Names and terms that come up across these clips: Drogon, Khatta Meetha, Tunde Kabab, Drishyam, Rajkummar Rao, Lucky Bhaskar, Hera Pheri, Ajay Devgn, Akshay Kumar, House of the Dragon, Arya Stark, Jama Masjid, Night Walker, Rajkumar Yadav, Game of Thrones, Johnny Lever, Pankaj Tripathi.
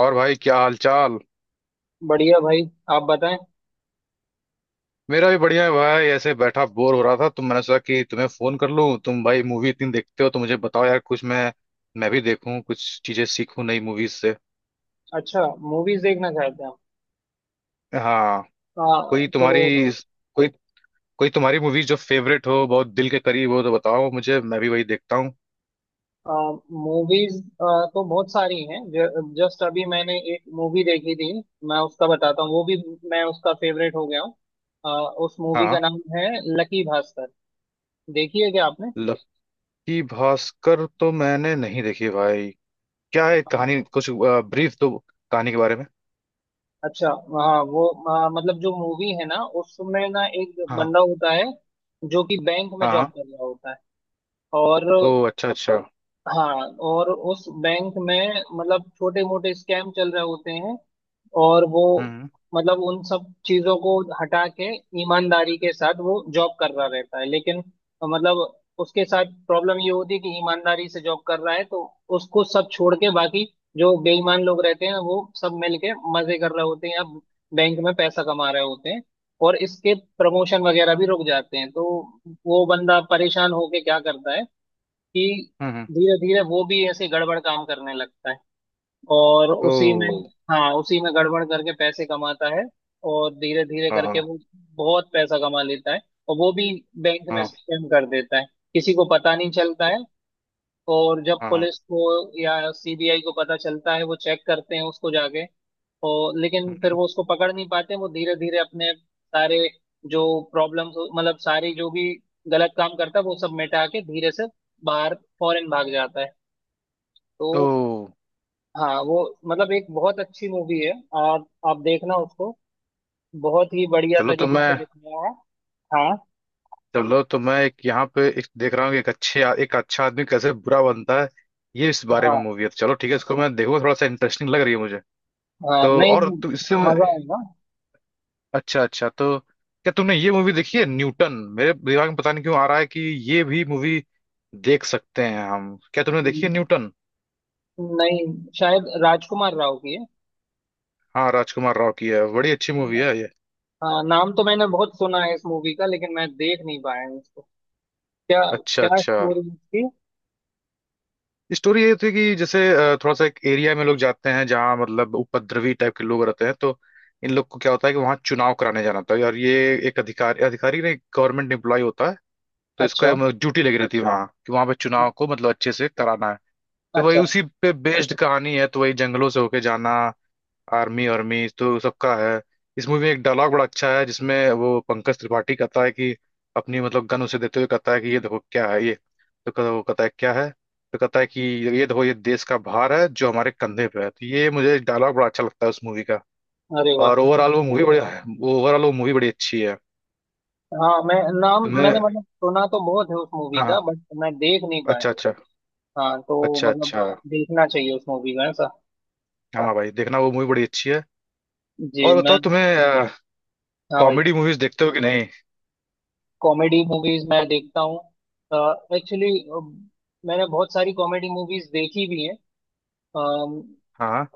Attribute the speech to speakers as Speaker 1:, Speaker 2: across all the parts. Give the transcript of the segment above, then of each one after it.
Speaker 1: और भाई, क्या हाल चाल।
Speaker 2: बढ़िया भाई। आप बताएं।
Speaker 1: मेरा भी बढ़िया है भाई। ऐसे बैठा बोर हो रहा था तो मैंने सोचा कि तुम्हें फोन कर लूं। तुम भाई मूवी इतनी देखते हो तो मुझे बताओ यार, कुछ मैं भी देखूं, कुछ चीजें सीखूं नई मूवीज से।
Speaker 2: अच्छा। मूवीज देखना चाहते हैं आप।
Speaker 1: हाँ। कोई
Speaker 2: तो
Speaker 1: तुम्हारी तो कोई कोई तुम्हारी मूवीज जो फेवरेट हो, बहुत दिल के करीब हो, तो बताओ मुझे, मैं भी वही देखता हूँ।
Speaker 2: मूवीज तो बहुत सारी हैं। जस्ट अभी मैंने एक मूवी देखी थी। मैं उसका बताता हूँ वो भी। मैं उसका फेवरेट हो गया हूँ। उस मूवी का
Speaker 1: हाँ,
Speaker 2: नाम है लकी भास्कर। देखी है क्या आपने।
Speaker 1: लक्की भास्कर तो मैंने नहीं देखी है भाई। क्या है कहानी
Speaker 2: आ,
Speaker 1: कुछ? ब्रीफ दो कहानी के बारे में।
Speaker 2: अच्छा। हाँ वो मतलब जो मूवी है ना उसमें ना एक
Speaker 1: हाँ।
Speaker 2: बंदा होता है जो कि बैंक में जॉब
Speaker 1: हाँ।
Speaker 2: कर रहा होता है। और
Speaker 1: ओ, अच्छा अच्छा।
Speaker 2: हाँ, और उस बैंक में मतलब छोटे मोटे स्कैम चल रहे होते हैं। और वो
Speaker 1: हम्म।
Speaker 2: मतलब उन सब चीजों को हटा के ईमानदारी के साथ वो जॉब कर रहा रहता है, लेकिन मतलब उसके साथ प्रॉब्लम ये होती है कि ईमानदारी से जॉब कर रहा है तो उसको सब छोड़ के बाकी जो बेईमान लोग रहते हैं वो सब मिलके मजे कर रहे होते हैं या बैंक में पैसा कमा रहे होते हैं। और इसके प्रमोशन वगैरह भी रुक जाते हैं तो वो बंदा परेशान होके क्या करता है कि
Speaker 1: हम्म।
Speaker 2: धीरे धीरे वो भी ऐसे गड़बड़ काम करने लगता है। और
Speaker 1: ओ।
Speaker 2: उसी में, हाँ, उसी में गड़बड़ करके पैसे कमाता है और धीरे धीरे
Speaker 1: हाँ
Speaker 2: करके
Speaker 1: हाँ।
Speaker 2: वो बहुत पैसा कमा लेता है और वो भी बैंक में
Speaker 1: हाँ
Speaker 2: स्कैम कर देता है। किसी को पता नहीं चलता है। और जब
Speaker 1: हाँ।
Speaker 2: पुलिस को या सीबीआई को पता चलता है वो चेक करते हैं उसको जाके, और लेकिन फिर वो उसको पकड़ नहीं पाते। वो धीरे धीरे अपने सारे जो प्रॉब्लम्स मतलब सारी जो भी गलत काम करता है वो सब मिटा के धीरे से बाहर फॉरेन भाग जाता है।
Speaker 1: तो
Speaker 2: तो हाँ, वो मतलब एक बहुत अच्छी मूवी है। आप देखना उसको, बहुत ही बढ़िया
Speaker 1: चलो तो
Speaker 2: तरीके
Speaker 1: मैं
Speaker 2: से दिखाया है। हाँ।
Speaker 1: चलो तो मैं एक यहाँ पे एक देख रहा हूँ कि एक अच्छा आदमी कैसे बुरा बनता है। ये इस बारे में
Speaker 2: हाँ।
Speaker 1: मूवी है, तो चलो ठीक है, इसको मैं देखूंगा। थोड़ा सा इंटरेस्टिंग लग रही है मुझे।
Speaker 2: हाँ
Speaker 1: तो
Speaker 2: नहीं,
Speaker 1: और तू इससे,
Speaker 2: मजा आएगा।
Speaker 1: अच्छा अच्छा। तो क्या तुमने ये मूवी देखी है, न्यूटन? मेरे दिमाग में पता नहीं क्यों आ रहा है कि ये भी मूवी देख सकते हैं हम। क्या तुमने देखी है न्यूटन?
Speaker 2: नहीं, शायद राजकुमार राव की है।
Speaker 1: हाँ, राजकुमार राव की है, बड़ी अच्छी मूवी है ये।
Speaker 2: हाँ, नाम तो मैंने बहुत सुना है इस मूवी का लेकिन मैं देख नहीं पाया हूँ इसको। क्या
Speaker 1: अच्छा
Speaker 2: क्या
Speaker 1: अच्छा।
Speaker 2: स्टोरी इसकी।
Speaker 1: स्टोरी ये थी कि जैसे, थोड़ा सा एक एरिया में लोग जाते हैं जहाँ मतलब उपद्रवी टाइप के लोग रहते हैं, तो इन लोग को क्या होता है कि वहाँ चुनाव कराने जाना होता है। और ये एक अधिकारी, अधिकारी नहीं, गवर्नमेंट एम्प्लॉय होता है। तो
Speaker 2: अच्छा
Speaker 1: इसको ड्यूटी लगी रहती है वहाँ कि वहाँ पे चुनाव को मतलब अच्छे से कराना है। तो वही
Speaker 2: अच्छा।
Speaker 1: उसी पे बेस्ड कहानी है, तो वही जंगलों से होके जाना। आर्मी आर्मी तो सबका है। इस मूवी में एक डायलॉग बड़ा अच्छा है, जिसमें वो पंकज त्रिपाठी कहता है कि अपनी मतलब गन उसे देते हुए कहता है कि ये देखो क्या है ये। तो वो कहता है क्या है। तो कहता है कि ये देखो, ये देश का भार है जो हमारे कंधे पे है। तो ये मुझे डायलॉग बड़ा अच्छा लगता है उस मूवी का।
Speaker 2: अरे
Speaker 1: और
Speaker 2: वाह।
Speaker 1: ओवरऑल वो मूवी बड़ी अच्छी है।
Speaker 2: हाँ, मैं, नाम
Speaker 1: तुमने?
Speaker 2: मैंने मतलब सुना तो बहुत है उस मूवी का
Speaker 1: हाँ।
Speaker 2: बट मैं देख नहीं
Speaker 1: अच्छा
Speaker 2: पाया।
Speaker 1: अच्छा।
Speaker 2: हाँ। तो
Speaker 1: अच्छा
Speaker 2: मतलब
Speaker 1: अच्छा।
Speaker 2: देखना चाहिए उस मूवी का।
Speaker 1: हाँ भाई, देखना, वो मूवी बड़ी अच्छी है।
Speaker 2: जी
Speaker 1: और
Speaker 2: मैं।
Speaker 1: बताओ तुम्हें,
Speaker 2: हाँ भाई।
Speaker 1: कॉमेडी मूवीज देखते हो कि नहीं?
Speaker 2: कॉमेडी मूवीज मैं देखता हूँ एक्चुअली। मैंने बहुत सारी कॉमेडी मूवीज देखी भी हैं। अम,
Speaker 1: हाँ।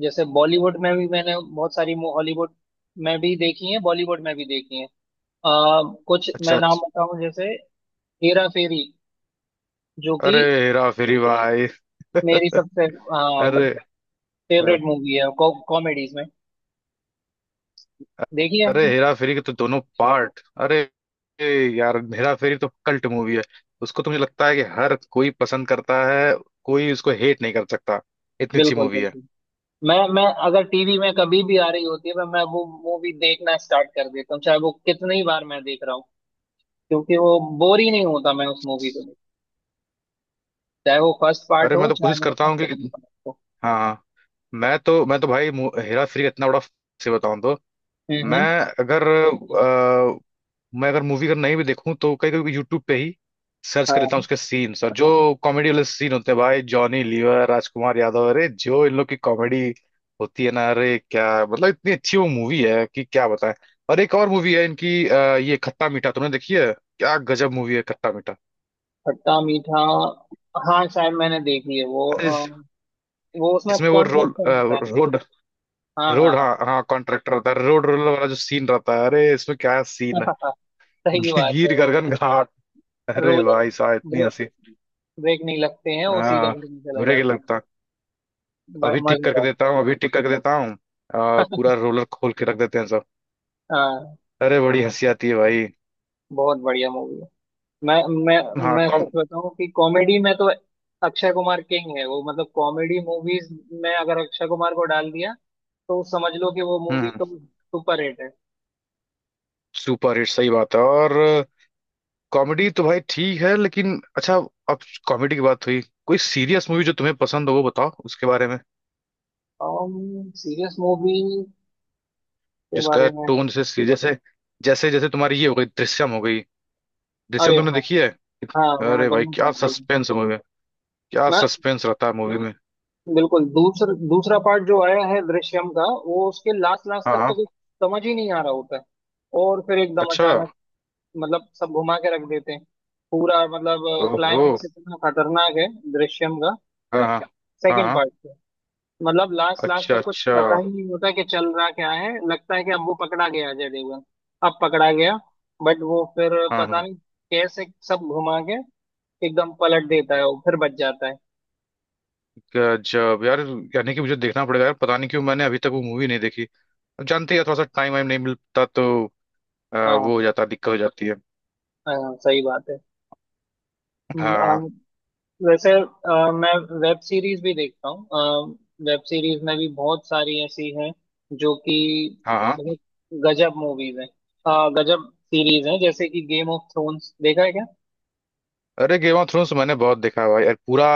Speaker 2: जैसे बॉलीवुड में भी मैंने बहुत सारी, हॉलीवुड में भी देखी हैं, बॉलीवुड में भी देखी हैं। कुछ
Speaker 1: अच्छा
Speaker 2: मैं नाम
Speaker 1: अच्छा।
Speaker 2: बताऊं जैसे हेरा फेरी जो कि
Speaker 1: अरे हेरा फेरी भाई!
Speaker 2: मेरी सबसे
Speaker 1: अरे, अ,
Speaker 2: फेवरेट मूवी है कॉमेडीज में। देखी है।
Speaker 1: अरे हेरा फेरी के तो दोनों पार्ट। अरे ए यार, हेरा फेरी तो कल्ट मूवी है। उसको तो मुझे लगता है कि हर कोई पसंद करता है, कोई उसको हेट नहीं कर सकता, इतनी अच्छी
Speaker 2: बिल्कुल
Speaker 1: मूवी है।
Speaker 2: बिल्कुल। मैं अगर टीवी में कभी भी आ रही होती है मैं वो मूवी देखना स्टार्ट कर देता हूँ, चाहे वो कितनी बार मैं देख रहा हूँ, क्योंकि वो बोर ही नहीं होता मैं उस मूवी को देख। चाहे वो फर्स्ट पार्ट
Speaker 1: अरे मैं
Speaker 2: हो
Speaker 1: तो कोशिश
Speaker 2: चाहे
Speaker 1: करता
Speaker 2: उसका
Speaker 1: हूँ कि,
Speaker 2: second part हो।
Speaker 1: हाँ हाँ, मैं तो भाई हेरा फेरी का इतना बड़ा से बताऊँ तो।
Speaker 2: हम्म,
Speaker 1: मैं
Speaker 2: हम्म।
Speaker 1: अगर, मूवी अगर नहीं भी देखूं तो कई कभी यूट्यूब पे ही सर्च कर लेता हूँ
Speaker 2: हाँ।
Speaker 1: उसके सीन्स। और जो कॉमेडी वाले सीन होते हैं भाई, जॉनी लीवर, राजकुमार यादव, अरे जो इन लोग की कॉमेडी होती है ना, अरे क्या मतलब, इतनी अच्छी वो मूवी है कि क्या बताएं। और एक और मूवी है इनकी, ये खट्टा मीठा, तुमने देखी है? क्या गजब मूवी है खट्टा मीठा!
Speaker 2: खट्टा मीठा। हाँ शायद मैंने देखी है वो।
Speaker 1: अरे
Speaker 2: वो उसमें
Speaker 1: इसमें वो रोल,
Speaker 2: कॉन्ट्रैक्टर होता है।
Speaker 1: रोड
Speaker 2: हाँ
Speaker 1: रोड,
Speaker 2: हाँ।
Speaker 1: हाँ हाँ, कॉन्ट्रैक्टर रहता है, रोड रोलर वाला जो सीन रहता है, अरे इसमें क्या सीन
Speaker 2: हाँ। सही
Speaker 1: है!
Speaker 2: बात है
Speaker 1: गिर
Speaker 2: वो।
Speaker 1: गर्गन घाट, अरे
Speaker 2: रोलर
Speaker 1: भाई साहब, इतनी
Speaker 2: ब्रेक
Speaker 1: हंसी!
Speaker 2: ब्रेक नहीं लगते हैं, वो सीधा
Speaker 1: हाँ,
Speaker 2: घर में चला
Speaker 1: बुरे के
Speaker 2: जाता है।
Speaker 1: लगता है।
Speaker 2: मजेदार।
Speaker 1: अभी ठीक करके देता हूँ। और पूरा रोलर खोल के रख देते हैं सब।
Speaker 2: हाँ।
Speaker 1: अरे बड़ी हंसी आती है भाई।
Speaker 2: बहुत बढ़िया मूवी है। मैं मैं
Speaker 1: हाँ,
Speaker 2: मैं सच
Speaker 1: कॉम
Speaker 2: बताऊं कि कॉमेडी में तो अक्षय कुमार किंग है। वो मतलब कॉमेडी मूवीज में अगर अक्षय कुमार को डाल दिया तो समझ लो कि वो मूवी
Speaker 1: हम्म।
Speaker 2: तो सुपर हिट है।
Speaker 1: सुपर हिट सही बात है। और कॉमेडी तो भाई ठीक है, लेकिन अच्छा, अब कॉमेडी की बात हुई, कोई सीरियस मूवी जो तुम्हें पसंद हो वो बताओ उसके बारे में,
Speaker 2: सीरियस मूवी के
Speaker 1: जिसका
Speaker 2: बारे में।
Speaker 1: टोन जैसे सीरियस है। जैसे जैसे तुम्हारी ये हो गई, दृश्यम हो गई।
Speaker 2: अरे
Speaker 1: दृश्यम तुमने
Speaker 2: हाँ।
Speaker 1: देखी है?
Speaker 2: हाँ मैंने
Speaker 1: अरे भाई,
Speaker 2: दोनों
Speaker 1: क्या
Speaker 2: पार्ट देखे।
Speaker 1: सस्पेंस मूवी में, क्या
Speaker 2: मैं
Speaker 1: सस्पेंस रहता है मूवी में!
Speaker 2: बिल्कुल, दूसरा पार्ट जो आया है दृश्यम का, वो उसके लास्ट लास्ट
Speaker 1: हाँ
Speaker 2: तक तो
Speaker 1: हाँ।
Speaker 2: कुछ समझ ही नहीं आ रहा होता है। और फिर एकदम
Speaker 1: अच्छा।
Speaker 2: अचानक मतलब सब घुमा के रख देते हैं। पूरा मतलब
Speaker 1: ओहो।
Speaker 2: क्लाइमेक्स इतना खतरनाक है दृश्यम का
Speaker 1: हाँ हाँ। हाँ
Speaker 2: सेकंड
Speaker 1: हाँ।
Speaker 2: पार्ट। मतलब लास्ट लास्ट
Speaker 1: अच्छा
Speaker 2: तक कुछ
Speaker 1: अच्छा।
Speaker 2: पता ही नहीं होता कि चल रहा क्या है। लगता है कि अब वो पकड़ा गया अजय देवगन, अब पकड़ा गया, बट वो फिर
Speaker 1: हाँ
Speaker 2: पता
Speaker 1: हाँ।
Speaker 2: नहीं कैसे सब घुमा के एकदम पलट देता है, वो फिर बच जाता है।
Speaker 1: गजब यार! यानी कि मुझे देखना पड़ेगा यार, पता नहीं क्यों मैंने अभी तक वो मूवी नहीं देखी। अब जानते हैं, थोड़ा सा टाइम वाइम नहीं मिलता, तो अ,
Speaker 2: हाँ हाँ।
Speaker 1: वो हो जाता, दिक्कत हो जाती है।
Speaker 2: हाँ, हाँ, सही बात है। अम,
Speaker 1: हाँ
Speaker 2: वैसे, मैं वेब सीरीज भी देखता हूँ। वेब सीरीज में भी बहुत सारी ऐसी हैं जो कि
Speaker 1: हाँ हाँ।
Speaker 2: बहुत गजब मूवीज हैं, गजब सीरीज हैं, जैसे कि गेम ऑफ थ्रोन्स देखा है क्या।
Speaker 1: अरे गेम ऑफ थ्रोन्स मैंने बहुत देखा है भाई यार, पूरा।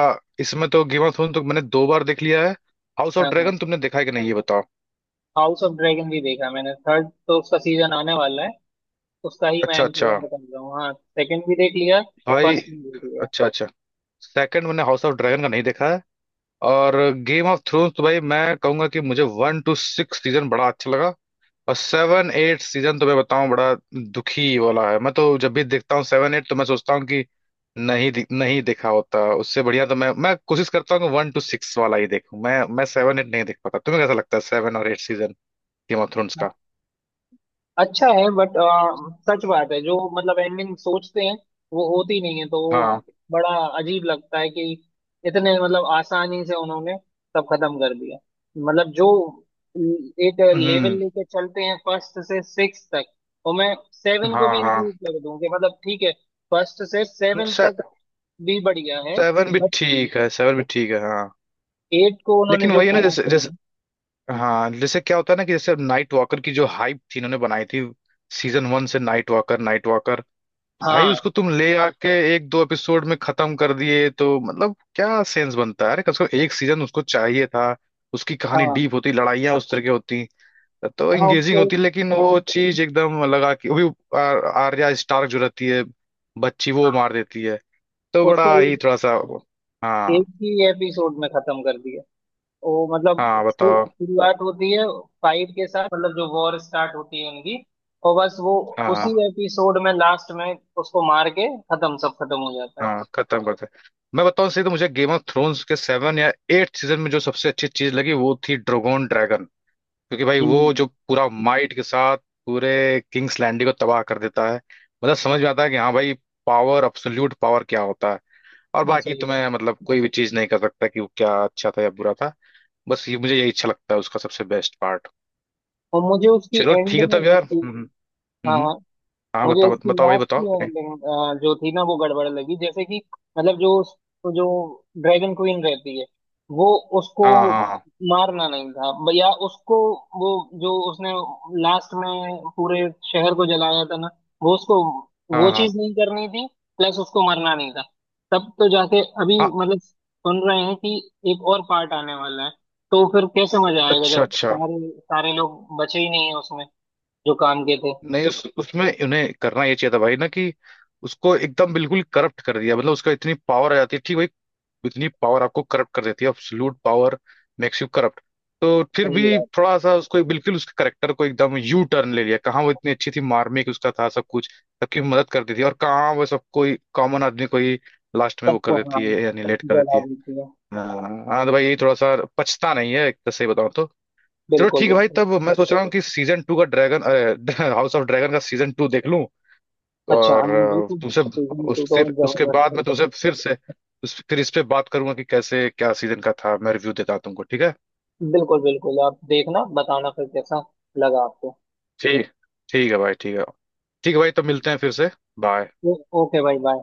Speaker 1: इसमें तो गेम ऑफ थ्रोन्स तो मैंने दो बार देख लिया है। हाउस ऑफ
Speaker 2: हाँ हाँ।
Speaker 1: ड्रैगन तुमने देखा है कि नहीं, ये बताओ।
Speaker 2: हाउस ऑफ ड्रैगन भी देखा मैंने। थर्ड तो उसका सीजन आने वाला है, उसका ही मैं
Speaker 1: अच्छा अच्छा।
Speaker 2: इंतजार कर रहा हूँ। हाँ, सेकंड भी देख लिया,
Speaker 1: भाई,
Speaker 2: फर्स्ट भी देख लिया।
Speaker 1: अच्छा अच्छा। सेकंड मैंने हाउस ऑफ ड्रैगन का नहीं देखा है। और गेम ऑफ थ्रोन्स तो भाई मैं कहूंगा कि मुझे वन टू सिक्स सीजन बड़ा अच्छा लगा। और सेवन एट सीजन तो मैं बताऊं, बड़ा दुखी वाला है। मैं तो जब भी देखता हूँ सेवन एट, तो मैं सोचता हूँ कि नहीं नहीं देखा होता उससे बढ़िया। तो मैं कोशिश करता हूँ कि वन टू सिक्स वाला ही देखूं, मैं सेवन एट नहीं देख पाता। तुम्हें कैसा लगता है सेवन और eight season Game of Thrones का?
Speaker 2: अच्छा है, बट सच बात है, जो मतलब एंडिंग सोचते हैं वो होती नहीं है तो वो
Speaker 1: हाँ।
Speaker 2: बड़ा अजीब लगता है कि इतने मतलब आसानी से उन्होंने सब खत्म कर दिया। मतलब जो एक लेवल
Speaker 1: हम्म।
Speaker 2: लेके चलते हैं फर्स्ट से सिक्स तक, और मैं सेवन को
Speaker 1: हाँ
Speaker 2: भी
Speaker 1: हाँ।
Speaker 2: इंक्लूड कर दूं कि मतलब ठीक है, फर्स्ट से सेवन
Speaker 1: से,
Speaker 2: तक भी बढ़िया है।
Speaker 1: सेवन भी ठीक है, सेवन भी ठीक है, हाँ।
Speaker 2: एट को उन्होंने
Speaker 1: लेकिन
Speaker 2: जो
Speaker 1: वही है ना,
Speaker 2: खराब
Speaker 1: जैसे जैसे,
Speaker 2: किया।
Speaker 1: हाँ, जैसे क्या होता है ना कि जैसे नाइट वॉकर की जो हाइप थी इन्होंने बनाई थी सीजन वन से, नाइट वॉकर नाइट भाई
Speaker 2: हाँ
Speaker 1: उसको तुम ले आके एक दो एपिसोड में खत्म कर दिए, तो मतलब क्या सेंस बनता है? अरे कम से कम एक सीजन उसको चाहिए था। उसकी कहानी
Speaker 2: हाँ।
Speaker 1: डीप होती, लड़ाइयाँ उस तरह की होती, तो
Speaker 2: हाँ,
Speaker 1: एंगेजिंग
Speaker 2: उसको एक।
Speaker 1: होती। लेकिन वो चीज एकदम लगा कि वो भी, आर्या स्टार्क जो रहती है बच्ची, वो
Speaker 2: हाँ,
Speaker 1: मार देती है, तो
Speaker 2: उसको
Speaker 1: बड़ा ही थोड़ा सा।
Speaker 2: एक
Speaker 1: हाँ
Speaker 2: ही एपिसोड में खत्म कर दिया। वो मतलब
Speaker 1: हाँ, बताओ।
Speaker 2: शुरुआत होती है फाइव के साथ, मतलब जो वॉर स्टार्ट होती है उनकी, और बस वो
Speaker 1: हाँ
Speaker 2: उसी
Speaker 1: हाँ
Speaker 2: एपिसोड में लास्ट में उसको मार के खत्म, सब खत्म हो जाता है।
Speaker 1: हाँ, खत्म करते हैं। मैं बताऊं सही, तो मुझे गेम ऑफ थ्रोन्स के सेवन या एट सीजन में जो सबसे अच्छी चीज लगी वो थी ड्रोगोन, ड्रैगन। क्योंकि भाई वो
Speaker 2: हम्म।
Speaker 1: जो पूरा माइट के साथ पूरे किंग्स लैंडिंग को तबाह कर देता है, मतलब समझ में आता है कि हाँ भाई, पावर अब्सोल्यूट पावर क्या होता है। और
Speaker 2: हाँ,
Speaker 1: बाकी
Speaker 2: सही बात।
Speaker 1: तुम्हें मतलब कोई भी चीज नहीं कर सकता कि वो क्या अच्छा था या बुरा था। बस ये मुझे यही अच्छा लगता है, उसका सबसे बेस्ट पार्ट।
Speaker 2: और मुझे उसकी
Speaker 1: चलो
Speaker 2: एंड
Speaker 1: ठीक है
Speaker 2: में,
Speaker 1: तब यार। हम्म।
Speaker 2: हाँ
Speaker 1: हम्म।
Speaker 2: हाँ,
Speaker 1: हाँ
Speaker 2: मुझे
Speaker 1: बताओ,
Speaker 2: इसकी
Speaker 1: बताओ भाई
Speaker 2: लास्ट की
Speaker 1: बताओ।
Speaker 2: एंडिंग जो थी ना वो गड़बड़ लगी, जैसे कि मतलब जो उस, तो जो ड्रैगन क्वीन रहती है वो, उसको
Speaker 1: हाँ हाँ हाँ।
Speaker 2: मारना नहीं था, या उसको, वो जो उसने लास्ट में पूरे शहर को जलाया था ना, वो उसको वो
Speaker 1: हाँ हाँ
Speaker 2: चीज नहीं करनी थी। प्लस उसको मरना नहीं था। तब तो जाके अभी
Speaker 1: हाँ,
Speaker 2: मतलब सुन रहे हैं कि एक और पार्ट आने वाला है, तो फिर कैसे मजा आएगा
Speaker 1: अच्छा
Speaker 2: जब
Speaker 1: अच्छा।
Speaker 2: सारे सारे लोग बचे ही नहीं है उसमें जो काम के थे।
Speaker 1: नहीं, उसमें उन्हें करना ये चाहिए था भाई, ना कि उसको एकदम बिल्कुल करप्ट कर दिया। मतलब उसका इतनी पावर आ जाती है, ठीक भाई, इतनी पावर आपको करप्ट कर देती है, absolute power makes you corrupt. तो फिर
Speaker 2: सही
Speaker 1: भी
Speaker 2: बात।
Speaker 1: थोड़ा सा उसको बिल्कुल उसके करेक्टर को एकदम यू टर्न ले लिया। कहाँ वो इतनी अच्छी थी, मार्मिक उसका था सब कुछ, सबकी मदद करती थी। और कहाँ वो सब कोई कॉमन आदमी को ही लास्ट में वो कर
Speaker 2: सबको, हाँ,
Speaker 1: देती है, या निलेट कर देती
Speaker 2: जला
Speaker 1: है।
Speaker 2: देती है।
Speaker 1: हाँ हाँ, तो भाई यही थोड़ा सा पछता नहीं है, एक तरह से बताऊँ तो। चलो
Speaker 2: बिल्कुल
Speaker 1: ठीक है भाई,
Speaker 2: बिल्कुल।
Speaker 1: तब मैं सोच रहा हूँ कि सीजन टू का ड्रैगन हाउस ऑफ ड्रैगन का सीजन टू देख लूं।
Speaker 2: अच्छा
Speaker 1: और
Speaker 2: हाँ, बिल्कुल,
Speaker 1: तुमसे
Speaker 2: सीजन
Speaker 1: उस
Speaker 2: टू तो
Speaker 1: फिर उसके
Speaker 2: जबरदस्त
Speaker 1: बाद
Speaker 2: है।
Speaker 1: मैं तुमसे फिर से, उस फिर इस पे बात करूंगा कि कैसे क्या सीजन का था, मैं रिव्यू देता हूं तुमको, ठीक है?
Speaker 2: बिल्कुल बिल्कुल, आप देखना, बताना फिर कैसा लगा आपको।
Speaker 1: ठीक ठीक है भाई, ठीक है। ठीक है भाई, तो मिलते हैं फिर से। बाय।
Speaker 2: ओ- ओके भाई, बाय।